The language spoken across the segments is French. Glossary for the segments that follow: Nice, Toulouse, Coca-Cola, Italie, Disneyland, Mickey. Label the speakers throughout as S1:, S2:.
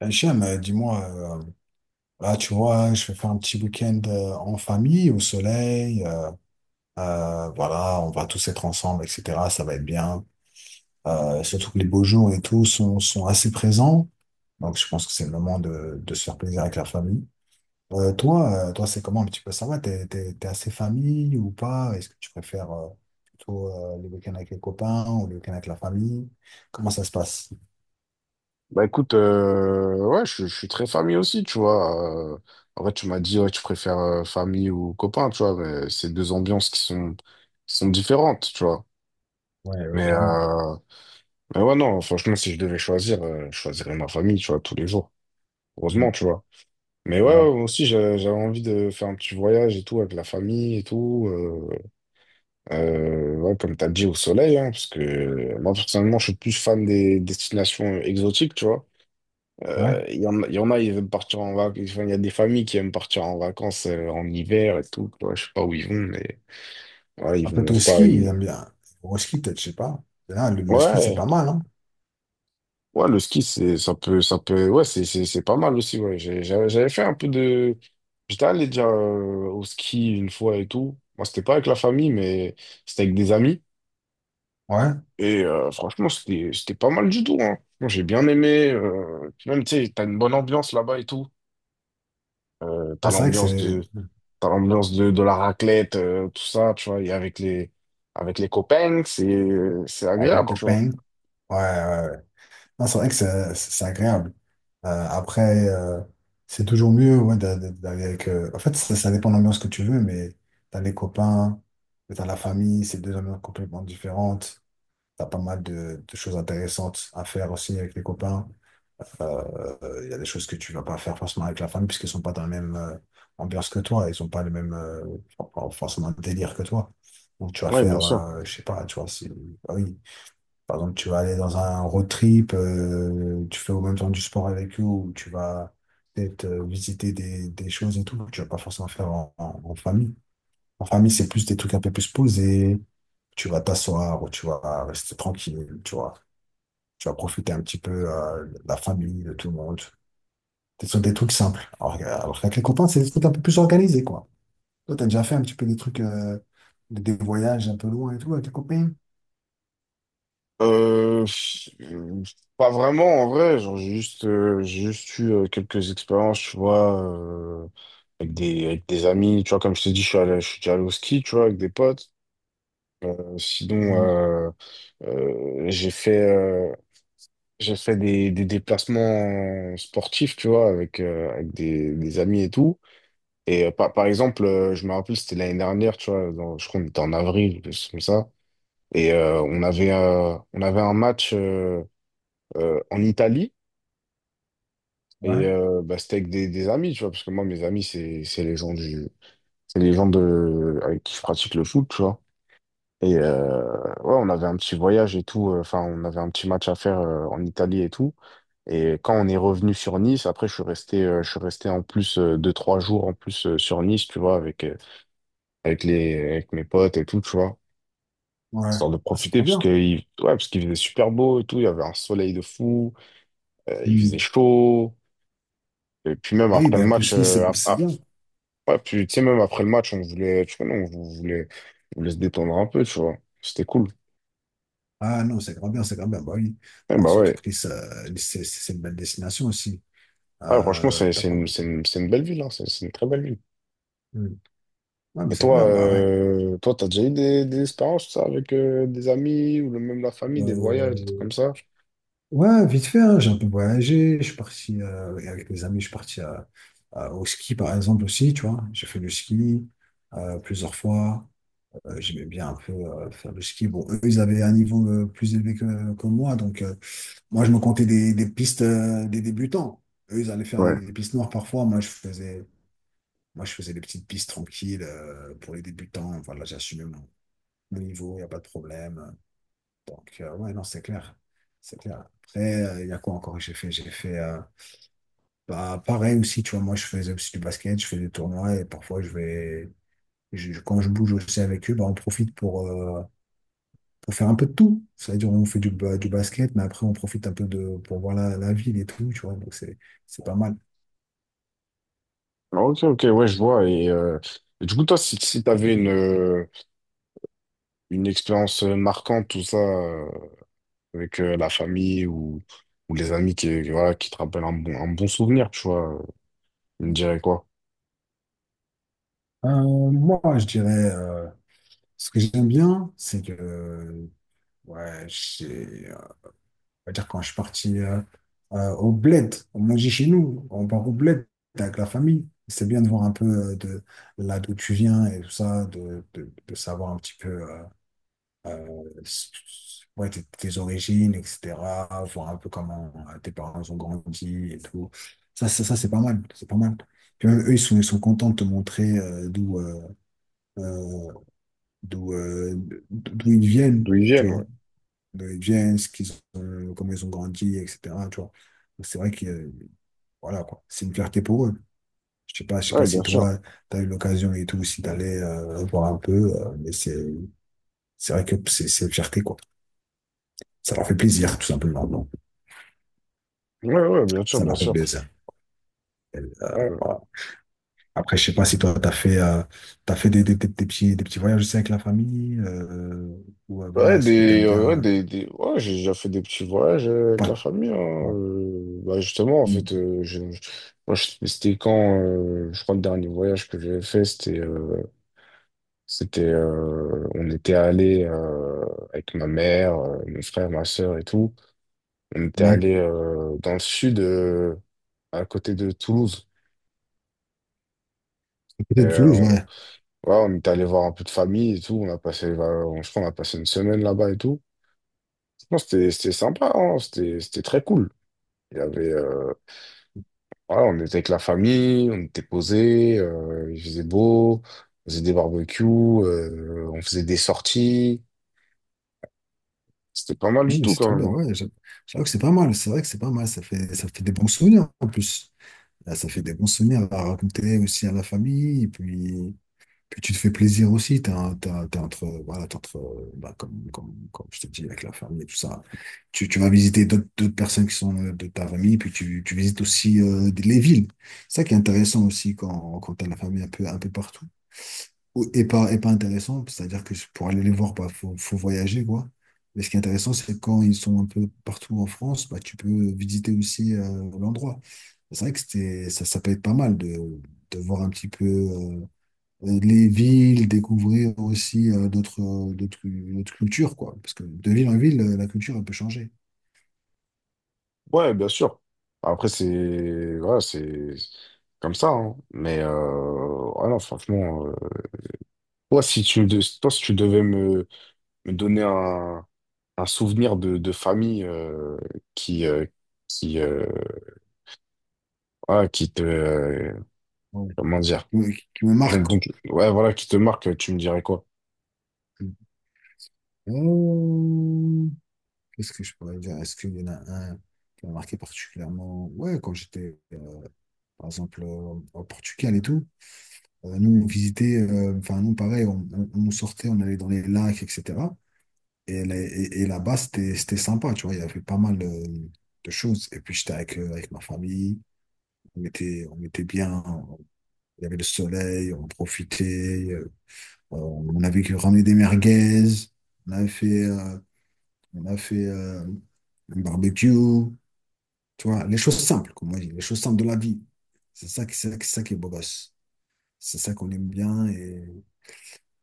S1: Hachem, dis-moi, euh, là, tu vois, je vais faire un petit week-end en famille, au soleil. Voilà, on va tous être ensemble, etc. Ça va être bien. Surtout que les beaux jours et tout sont, sont assez présents. Donc, je pense que c'est le moment de se faire plaisir avec la famille. Toi, toi, c'est comment un petit peu, ça va? T'es assez famille ou pas? Est-ce que tu préfères plutôt les week-ends avec les copains ou les week-ends avec la famille? Comment ça se passe?
S2: Bah écoute, ouais, je suis très famille aussi, tu vois. En vrai, tu m'as dit, ouais, tu préfères famille ou copain, tu vois, mais c'est deux ambiances qui sont différentes, tu vois.
S1: Ouais, ouais,
S2: Mais,
S1: clairement.
S2: euh, mais ouais, non, franchement, si je devais choisir, je choisirais ma famille, tu vois, tous les jours.
S1: Mm.
S2: Heureusement, tu vois. Mais ouais,
S1: Ouais.
S2: ouais, moi aussi, j'avais envie de faire un petit voyage et tout avec la famille et tout. Ouais, comme t'as dit, au soleil, hein, parce que moi, personnellement, je suis plus fan des destinations exotiques, tu vois.
S1: Ouais.
S2: Il y en a, ils aiment partir en vacances. Enfin, il y a des familles qui aiment partir en vacances en hiver et tout. Tu vois, je sais pas où ils vont, mais ouais, ils
S1: Ah,
S2: vont,
S1: peut-être
S2: je
S1: au
S2: sais pas.
S1: ski, ils aiment bien. Au ski, peut-être, je sais pas. Mais là, le ski, c'est
S2: Ouais,
S1: pas mal, hein?
S2: ouais, le ski, ça peut, ouais, c'est pas mal aussi. Ouais, j'avais fait un peu de. J'étais allé déjà au ski une fois et tout. Moi, c'était pas avec la famille, mais c'était avec des amis.
S1: Ouais.
S2: Et franchement, c'était pas mal du tout. Hein. Moi, j'ai bien aimé. Puis même, tu sais, t'as une bonne ambiance là-bas et tout. Euh, t'as
S1: Ouais, c'est vrai que
S2: l'ambiance
S1: c'est
S2: de. T'as l'ambiance de la raclette, tout ça, tu vois, et avec avec les copains, c'est
S1: avec les
S2: agréable, tu vois.
S1: copains. Ouais, ouais, ouais. Non, c'est vrai que c'est agréable. Euh, après, euh, c'est toujours mieux, ouais, d'aller avec. En fait, ça dépend de l'ambiance que tu veux, mais t'as les copains, t'as la famille, c'est deux ambiances complètement différentes. T'as pas mal de choses intéressantes à faire aussi avec les copains. Il y a des choses que tu vas pas faire forcément avec la famille, puisqu'ils sont pas dans la même ambiance que toi. Ils sont pas le même forcément délire que toi. Donc tu vas
S2: Oui, bien
S1: faire,
S2: sûr.
S1: je sais pas, tu vois, si, ah oui. Par exemple, tu vas aller dans un road trip, tu fais au même temps du sport avec eux, ou tu vas peut-être visiter des choses et tout. Que Tu vas pas forcément faire en famille. En famille, c'est plus des trucs un peu plus posés, tu vas t'asseoir ou tu vas rester tranquille, tu vois. Tu vas profiter un petit peu de la famille, de tout le monde. Ce sont des trucs simples. Alors qu'avec les copains, c'est des trucs un peu plus organisés, quoi. Toi, t'as déjà fait un petit peu des trucs, des voyages un peu loin et tout avec les copains?
S2: Euh, euh, Pas vraiment, en vrai, genre, j'ai juste eu quelques expériences, tu vois, avec avec des amis, tu vois, comme je t'ai dit, je suis déjà allé au ski, tu vois, avec des potes. Euh, sinon,
S1: Mm.
S2: euh, euh, j'ai fait, euh, j'ai fait des déplacements sportifs, tu vois, avec, avec des amis et tout. Et par exemple, je me rappelle, c'était l'année dernière, tu vois, je crois qu'on était en avril, quelque chose comme ça. Et on avait un match en Italie. Et
S1: Ouais,
S2: bah, c'était avec des amis, tu vois, parce que moi, mes amis, c'est les gens du, c'est les gens de, avec qui je pratique le foot, tu vois. Et ouais, on avait un petit voyage et tout. Enfin, on avait un petit match à faire en Italie et tout. Et quand on est revenu sur Nice, après, je suis resté en plus deux, trois jours en plus sur Nice, tu vois, avec, avec mes potes et tout, tu vois.
S1: ouais.
S2: Histoire de
S1: Ah, c'est
S2: profiter,
S1: trop
S2: parce
S1: bien.
S2: que il, ouais, parce qu'il faisait super beau et tout, il y avait un soleil de fou, il faisait
S1: Mm.
S2: chaud. Et puis même
S1: Ah oui,
S2: après le
S1: ben, en
S2: match,
S1: plus, Nice, c'est bien.
S2: ouais, puis tu sais, même après le match, tu connais, on voulait se détendre un peu, tu vois. C'était cool.
S1: Ah non, c'est grand bien, c'est grand bien. Bah oui.
S2: Et
S1: Ah,
S2: bah
S1: surtout
S2: ouais.
S1: que Nice, Nice, une belle destination aussi.
S2: Ah, franchement,
S1: T'as pas...
S2: c'est une belle ville, hein. C'est une très belle ville.
S1: Mm. Ouais, mais
S2: Et
S1: c'est
S2: toi,
S1: bien, bah ouais.
S2: toi, t'as déjà eu des expériences, ça, avec des amis ou même la famille, des voyages, des trucs
S1: Euh,
S2: comme ça?
S1: Ouais, vite fait, hein, j'ai un peu voyagé, je suis parti avec mes amis, je suis parti au ski par exemple aussi, tu vois. J'ai fait du ski plusieurs fois. J'aimais bien un peu faire du ski. Bon, eux, ils avaient un niveau plus élevé que moi, donc moi, je me comptais des pistes des débutants. Eux, ils allaient faire
S2: Ouais.
S1: des pistes noires parfois. Moi, je faisais des petites pistes tranquilles pour les débutants. Voilà, j'assumais mon, mon niveau, il n'y a pas de problème. Donc, ouais, non, c'est clair. C'est clair. Après, il y a quoi encore que j'ai fait? J'ai fait, bah, pareil aussi, tu vois, moi, je faisais aussi du basket, je fais des tournois, et parfois, je vais, je- quand je bouge aussi avec eux, bah, on profite pour faire un peu de tout. C'est-à-dire, on fait du basket, mais après, on profite un peu pour voir la ville et tout, tu vois, donc c'est pas mal.
S2: Ah, ok, ok, ouais, je vois. Et du coup, toi, si tu avais une expérience marquante, tout ça, avec la famille ou les amis voilà, qui te rappellent un bon souvenir, tu vois, tu me dirais quoi?
S1: Euh, Moi, je dirais, ce que j'aime bien, c'est que, ouais, j'ai- on va dire, quand je suis parti au bled, on mangeait chez nous, on part au bled avec la famille. C'est bien de voir un peu de là d'où tu viens et tout ça, de savoir un petit peu ouais, tes, tes origines, etc. Voir un peu comment tes parents ont grandi et tout. Ça, c'est pas mal, c'est pas mal. Puis même eux, ils sont contents de te montrer euh, d'où euh, d'où ils viennent,
S2: D'où ils
S1: tu
S2: viennent,
S1: vois,
S2: ouais.
S1: de les gens, comment ils ont grandi, etc. Tu vois. Donc, c'est vrai que, voilà, quoi. C'est une fierté pour eux. Je sais
S2: Ouais,
S1: pas
S2: bien
S1: si
S2: sûr.
S1: toi, tu as eu l'occasion et tout, si tu allais voir un peu, c'est vrai que c'est une fierté, quoi. Ça leur fait plaisir, tout simplement. Non
S2: Ouais, ouais, bien sûr,
S1: Ça
S2: bien
S1: leur fait
S2: sûr.
S1: plaisir. Et,
S2: Ouais,
S1: voilà. Après, je sais pas si toi, tu as fait, t'as fait des petits voyages aussi avec la famille, ou voilà, est-ce que tu aimes
S2: ouais,
S1: bien.
S2: des- ouais, j'ai déjà fait des petits voyages avec la
S1: Pas,
S2: famille, hein.
S1: ouais.
S2: Justement, en fait, c'était quand, je crois, le dernier voyage que j'avais fait, c'était. C'était, on était allé avec ma mère, mon frère, ma sœur et tout. On était
S1: Ouais,
S2: allé dans le sud, à côté de Toulouse. Et,
S1: peut-être Toulouse, ouais.
S2: ouais, on était allé voir un peu de famille et tout. On a passé, on- Je crois, on a passé une semaine là-bas et tout. Non, c'était sympa, hein. C'était très cool. Il y avait, ouais, on était avec la famille, on était posés, il faisait beau, on faisait des barbecues, on faisait des sorties. C'était pas mal
S1: Ouais,
S2: du
S1: mais
S2: tout
S1: c'est
S2: quand
S1: trop
S2: même,
S1: bien,
S2: hein.
S1: ouais. J'avoue que c'est pas mal, c'est vrai que c'est pas mal, ça fait des bons souvenirs en plus. Là, ça fait des bons souvenirs à raconter aussi à la famille, puis tu te fais plaisir aussi, t'es entre, voilà, t'es entre, bah, comme je te dis, avec la famille et tout ça. Tu vas visiter d'autres personnes qui sont de ta famille, puis tu visites aussi les villes. C'est ça qui est intéressant aussi, quand t'as la famille un peu partout, et pas intéressant, c'est-à-dire que pour aller les voir, bah, faut voyager, quoi. Mais ce qui est intéressant, c'est que quand ils sont un peu partout en France, bah, tu peux visiter aussi l'endroit. C'est vrai que c'était, ça peut être pas mal de voir un petit peu les villes, découvrir aussi d'autres cultures, quoi. Parce que de ville en ville, la culture, elle peut changer.
S2: Ouais, bien sûr. Après, c'est voilà, c'est comme ça, hein. Mais voilà, franchement, toi, si tu me de- toi, si tu devais me, me donner un souvenir de famille qui euh, qui voilà, qui te
S1: Ouais.
S2: comment dire,
S1: Qui me marque, quoi.
S2: ouais voilà qui te marque, tu me dirais quoi?
S1: Euh, Qu'est-ce que je pourrais dire? Est-ce qu'il y en a un qui m'a marqué particulièrement? Ouais, quand j'étais par exemple au Portugal et tout. Nous, on visitait, enfin, nous, pareil, on sortait, on allait dans les lacs, etc. Et là-bas, c'était, c'était sympa, tu vois, il y avait pas mal de choses. Et puis, j'étais avec, avec ma famille, on était bien, il y avait le soleil, on avait ramené des merguez, on avait fait, on a fait un barbecue, tu vois, les choses simples, comme on dit, les choses simples de la vie. C'est ça qui est beau gosse. C'est ça qu'on aime bien,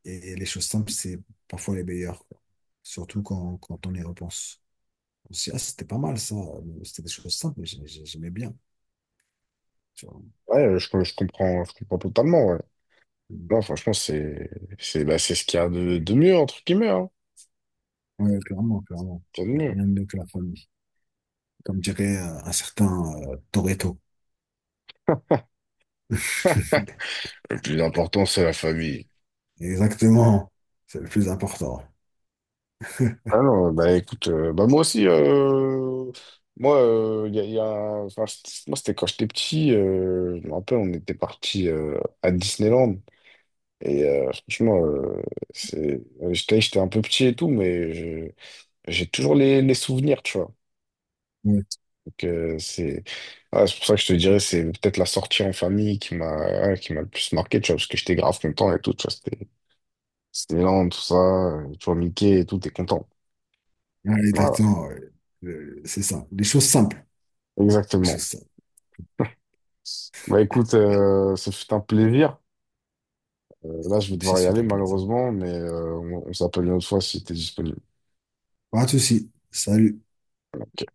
S1: et les choses simples, c'est parfois les meilleures, quoi. Surtout quand on y repense. On se dit, ah, c'était pas mal ça, c'était des choses simples, mais j'aimais bien. Tu vois.
S2: Ouais, je comprends totalement. Ouais. Non, franchement, c'est bah, c'est ce qu'il y a de mieux entre guillemets, hein.
S1: Ouais, clairement, clairement.
S2: C'est de
S1: Il n'y a
S2: mieux.
S1: rien de mieux que la famille. Comme dirait un certain Toretto.
S2: Le plus important, c'est la famille.
S1: Exactement, c'est le plus important.
S2: Ah non, bah écoute, bah moi aussi, moi, il y a, il y a moi c'était quand j'étais petit, je me rappelle, on était parti à Disneyland, et j'étais un peu petit et tout, mais j'ai toujours les souvenirs, tu vois.
S1: Ouais.
S2: Donc, c'est ouais, c'est pour ça que je te dirais, c'est peut-être la sortie en famille qui m'a, ouais, qui m'a le plus marqué, tu vois, parce que j'étais grave content et tout, tu vois, c'était Disneyland tout ça, tu vois, Mickey et tout, t'es content.
S1: Ouais,
S2: Voilà,
S1: exactement, ouais. C'est ça. Des choses simples. Les choses
S2: exactement.
S1: simples.
S2: Bah écoute, ce fut un plaisir. Là, je vais
S1: Même si
S2: devoir y
S1: c'est
S2: aller
S1: un plaisir.
S2: malheureusement, mais on s'appelle une autre fois si t'es disponible.
S1: Pas de souci. Salut.
S2: Ok.